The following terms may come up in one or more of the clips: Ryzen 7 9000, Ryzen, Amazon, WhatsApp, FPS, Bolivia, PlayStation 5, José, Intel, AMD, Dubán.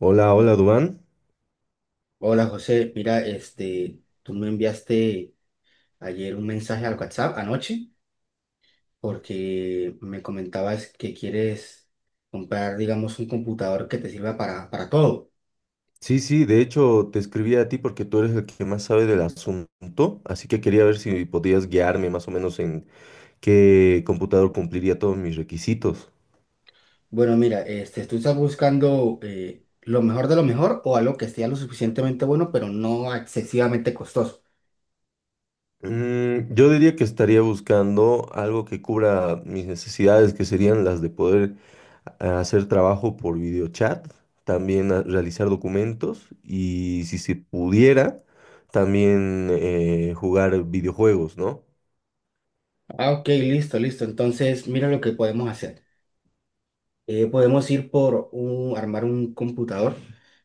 Hola, hola, Dubán. Hola José, mira, tú me enviaste ayer un mensaje al WhatsApp anoche porque me comentabas que quieres comprar, digamos, un computador que te sirva para todo. Sí, sí, de hecho te escribí a ti porque tú eres el que más sabe del asunto, así que quería ver si podías guiarme más o menos en qué computador cumpliría todos mis requisitos. Bueno, mira, tú estás buscando lo mejor de lo mejor o algo que sea lo suficientemente bueno, pero no excesivamente costoso. Yo diría que estaría buscando algo que cubra mis necesidades, que serían las de poder hacer trabajo por videochat, también realizar documentos y si se pudiera, también jugar videojuegos, ¿no? Ah, ok, listo, listo. Entonces, mira lo que podemos hacer. Podemos ir por armar un computador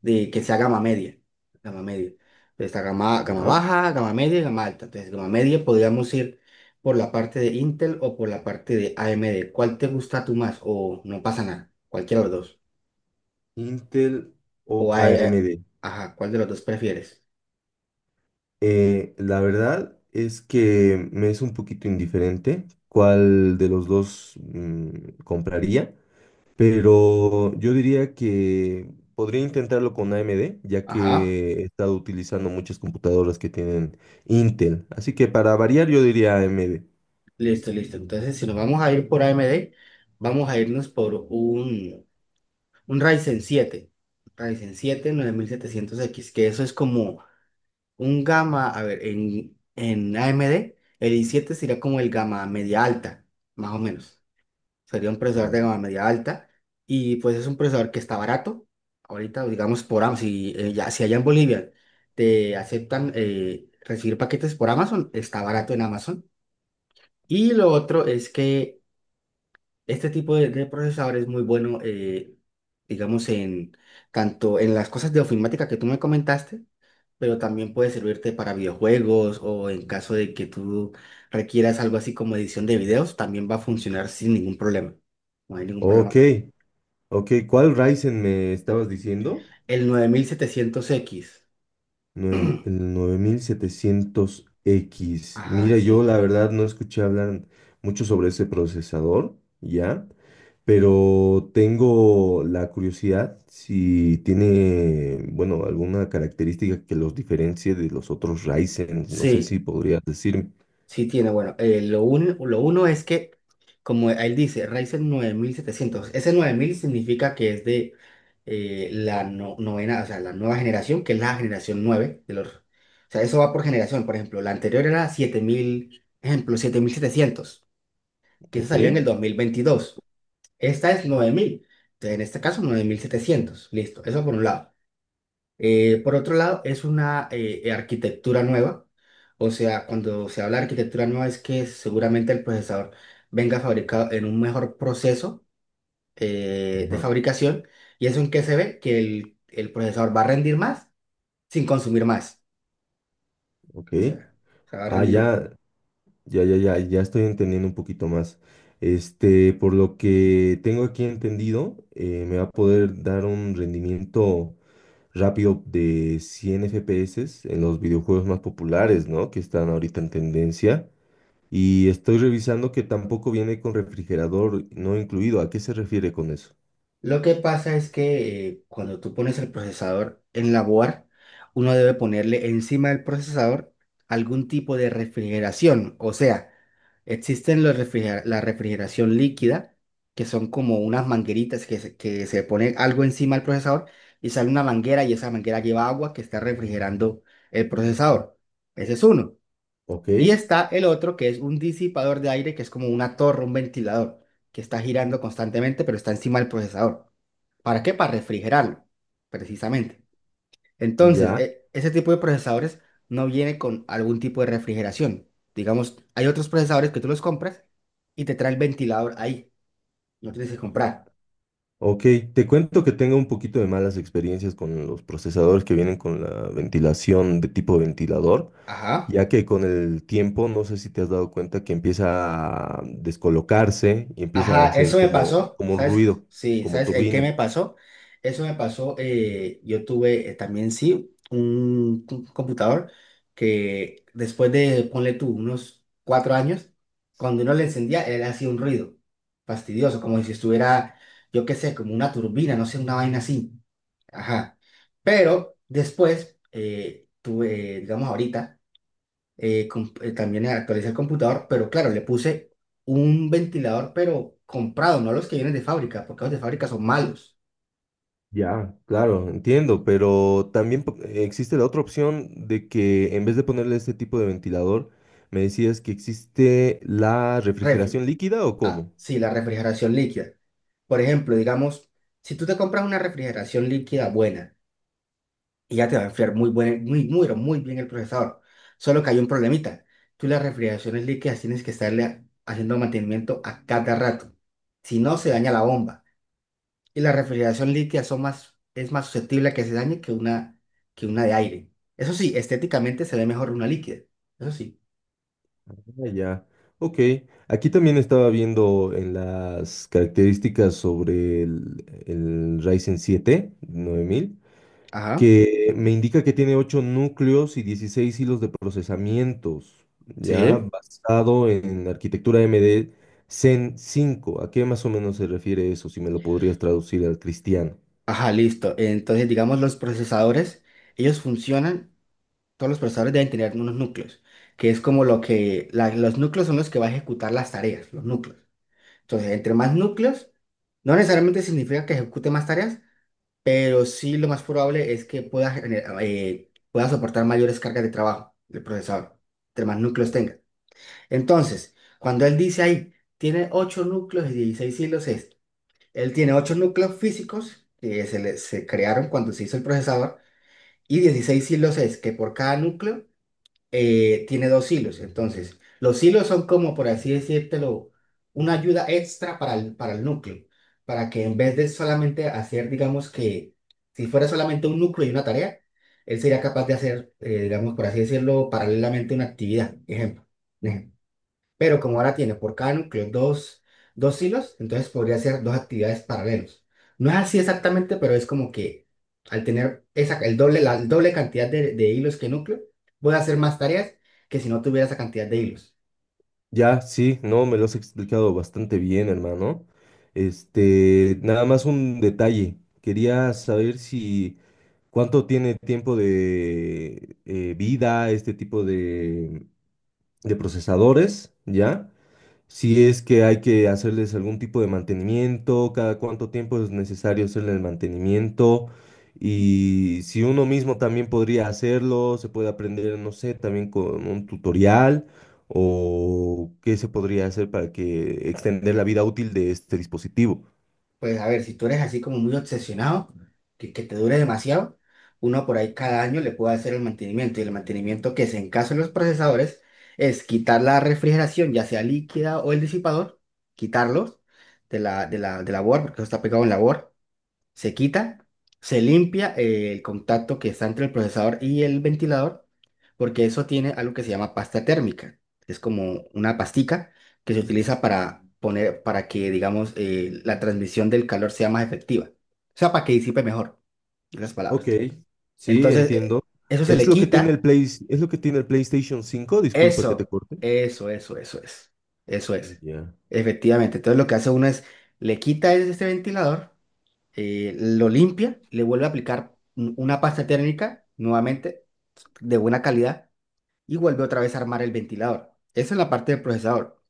que sea gama media. Gama media. Pues está gama ¿Ya? baja, gama media y gama alta. Entonces, gama media podríamos ir por la parte de Intel o por la parte de AMD. ¿Cuál te gusta tú más? O no pasa nada. Cualquiera de los dos. Intel O o hay, eh, AMD. ajá, ¿cuál de los dos prefieres? La verdad es que me es un poquito indiferente cuál de los dos compraría, pero yo diría que podría intentarlo con AMD, ya Ajá. que he estado utilizando muchas computadoras que tienen Intel. Así que para variar yo diría AMD. Listo, listo. Entonces, si nos vamos a ir por AMD, vamos a irnos por un Ryzen siete nueve mil setecientos x, que eso es como un gamma, a ver, en AMD, el i7 sería como el gamma media alta, más o menos. Sería un Ya. procesador de gama media alta. Y pues es un procesador que está barato. Ahorita, digamos, por Amazon, si allá en Bolivia te aceptan recibir paquetes por Amazon, está barato en Amazon. Y lo otro es que este tipo de procesador es muy bueno, digamos, en tanto en las cosas de ofimática que tú me comentaste, pero también puede servirte para videojuegos o en caso de que tú requieras algo así como edición de videos, también va a funcionar sin ningún problema. No hay ningún problema Ok, con... ok, ¿cuál Ryzen me estabas diciendo? El nueve mil setecientos x. Nueve- el 9700X. Ajá, Mira, yo sí. la verdad no escuché hablar mucho sobre ese procesador, ¿ya? Pero tengo la curiosidad si tiene, bueno, alguna característica que los diferencie de los otros Ryzen. No sé Sí. si podrías decirme. Sí tiene, bueno, lo uno es que, como él dice, Ryzen nueve mil setecientos, ese 9000 significa que es de la no- novena, o sea, la nueva generación, que es la generación 9 de los... O sea, eso va por generación, por ejemplo, la anterior era siete mil, ejemplo, siete mil setecientos, que se Ok, salió en el dos mil veintidós. Esta es nueve mil, entonces en este caso nueve mil setecientos, listo, eso por un lado. Por otro lado, es una arquitectura nueva. O sea, cuando se habla de arquitectura nueva es que seguramente el procesador venga fabricado en un mejor proceso de ajá, fabricación. ¿Y eso en qué se ve? Que el procesador va a rendir más sin consumir más. ok. O sea, o sea, va a Ah, rendir. ya, estoy entendiendo un poquito más. Este, por lo que tengo aquí entendido, me va a poder dar un rendimiento rápido de 100 FPS en los videojuegos más populares, ¿no? Que están ahorita en tendencia. Y estoy revisando que tampoco viene con refrigerador no incluido. ¿A qué se refiere con eso? Lo que pasa es que cuando tú pones el procesador en la board, uno debe ponerle encima del procesador algún tipo de refrigeración. O sea, existen la refrigeración líquida, que son como unas mangueritas que se pone algo encima del procesador y sale una manguera y esa manguera lleva agua que está refrigerando el procesador. Ese es uno. Ok, Y está el otro, que es un disipador de aire, que es como una torre, un ventilador, que está girando constantemente, pero está encima del procesador. ¿Para qué? Para refrigerarlo, precisamente. Entonces, ya. Ese tipo de procesadores no viene con algún tipo de refrigeración. Digamos, hay otros procesadores que tú los compras y te trae el ventilador ahí. No tienes que comprar. Ok, te cuento que tengo un poquito de malas experiencias con los procesadores que vienen con la ventilación de tipo ventilador, Ajá. ya que con el tiempo, no sé si te has dado cuenta que empieza a descolocarse y empieza a Ajá, hacer eso me como, pasó, como ¿sabes? ruido, Sí, como ¿sabes el qué turbina. me pasó? Eso me pasó, yo tuve también, sí, un computador que después de, ponle tú, unos cuatro años, cuando uno le encendía, él hacía un ruido fastidioso, como si estuviera, yo qué sé, como una turbina, no sé, una vaina así. Ajá. Pero después, tuve, digamos ahorita, también actualicé el computador, pero claro, le puse un ventilador, pero comprado, no los que vienen de fábrica, porque los de fábrica son malos. Ya, claro, entiendo, pero también existe la otra opción de que en vez de ponerle este tipo de ventilador, me decías que existe la Refri refrigeración líquida o ah, cómo. sí, la refrigeración líquida. Por ejemplo, digamos, si tú te compras una refrigeración líquida buena, y ya te va a enfriar muy, buen, muy, muy, pero muy bien el procesador, solo que hay un problemita. Tú las refrigeraciones líquidas tienes que estarle haciendo mantenimiento a cada rato, si no se daña la bomba. Y la refrigeración líquida es más susceptible a que se dañe que que una de aire. Eso sí, estéticamente se ve mejor una líquida. Eso sí. Ah, ya, ok. Aquí también estaba viendo en las características sobre el Ryzen 7 9000 Ajá, que me indica que tiene 8 núcleos y 16 hilos de procesamientos, ya sí. basado en la arquitectura MD Zen cinco. ¿A qué más o menos se refiere eso? Si me lo podrías traducir al cristiano. Ajá, listo. Entonces, digamos, los procesadores, ellos funcionan, todos los procesadores deben tener unos núcleos, que es como lo que, los núcleos son los que va a ejecutar las tareas, los núcleos. Entonces, entre más núcleos, no necesariamente significa que ejecute más tareas, pero sí lo más probable es que pueda, pueda soportar mayores cargas de trabajo del procesador, entre más núcleos tenga. Entonces, cuando él dice ahí, tiene 8 núcleos y 16 hilos, es, él tiene 8 núcleos físicos que se crearon cuando se hizo el procesador, y 16 hilos es que por cada núcleo tiene dos hilos. Entonces, los hilos son como, por así decírtelo, una ayuda extra para para el núcleo, para que en vez de solamente hacer, digamos que, si fuera solamente un núcleo y una tarea, él sería capaz de hacer, digamos, por así decirlo, paralelamente una actividad. Ejemplo. Pero como ahora tiene por cada núcleo dos hilos, entonces podría ser dos actividades paralelos. No es así exactamente, pero es como que al tener esa, el doble, la el doble cantidad de hilos que núcleo, voy a hacer más tareas que si no tuviera esa cantidad de hilos. Ya, sí, no, me lo has explicado bastante bien, hermano. Este, nada más un detalle. Quería saber si cuánto tiene tiempo de vida este tipo de procesadores, ¿ya? Si es que hay que hacerles algún tipo de mantenimiento, cada cuánto tiempo es necesario hacerle el mantenimiento y si uno mismo también podría hacerlo, se puede aprender, no sé, también con un tutorial o qué se podría hacer para que extender la vida útil de este dispositivo. Pues a ver, si tú eres así como muy obsesionado, que te dure demasiado, uno por ahí cada año le puede hacer el mantenimiento. Y el mantenimiento, que es en caso de los procesadores, es quitar la refrigeración, ya sea líquida o el disipador, quitarlos de la board, porque eso está pegado en la board, se quita, se limpia el contacto que está entre el procesador y el ventilador, porque eso tiene algo que se llama pasta térmica. Es como una pastica que se utiliza para poner, para que, digamos, la transmisión del calor sea más efectiva. O sea, para que disipe mejor, en las Ok, palabras. sí, Entonces, entiendo. eso se Es le lo que tiene el quita. Play, es lo que tiene el PlayStation 5, disculpa que te Eso, corte. eso, eso, eso es. Eso es. Ya. Efectivamente. Entonces, lo que hace uno es, le quita este ventilador, lo limpia, le vuelve a aplicar una pasta térmica nuevamente de buena calidad, y vuelve otra vez a armar el ventilador. Eso es la parte del procesador.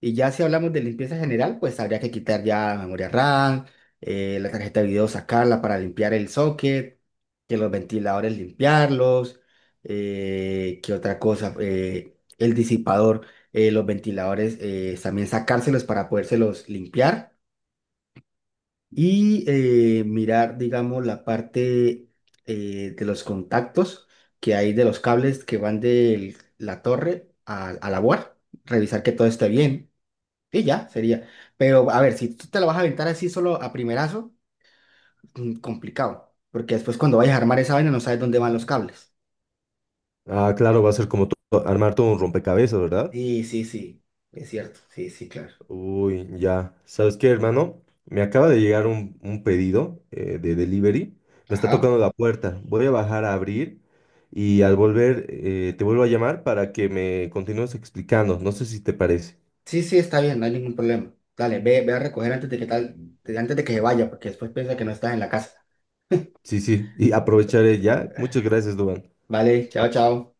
Y ya si hablamos de limpieza general, pues habría que quitar ya memoria RAM, la tarjeta de video sacarla para limpiar el socket, que los ventiladores limpiarlos, que otra cosa, el disipador, los ventiladores también sacárselos para podérselos limpiar, y mirar, digamos, la parte de los contactos que hay de los cables que van de la torre a la board, revisar que todo esté bien, y ya sería. Pero a ver, si tú te lo vas a aventar así solo a primerazo, mm, complicado, porque después cuando vayas a armar esa vaina no sabes dónde van los cables. Ah, claro, va a ser como to- armar todo un rompecabezas, ¿verdad? Sí, sí, sí, es cierto, sí, sí, claro. Uy, ya. ¿Sabes qué, hermano? Me acaba de llegar un pedido de delivery. Me está Ajá. tocando la puerta. Voy a bajar a abrir y al volver te vuelvo a llamar para que me continúes explicando. No sé si te parece. Sí, sí, está bien, no hay ningún problema. Dale, ve a recoger antes de que tal, antes de que se vaya, porque después piensa que no estás en la casa. Sí, sí. Y aprovecharé ya. Muchas gracias, Duan. Vale, chao, chao.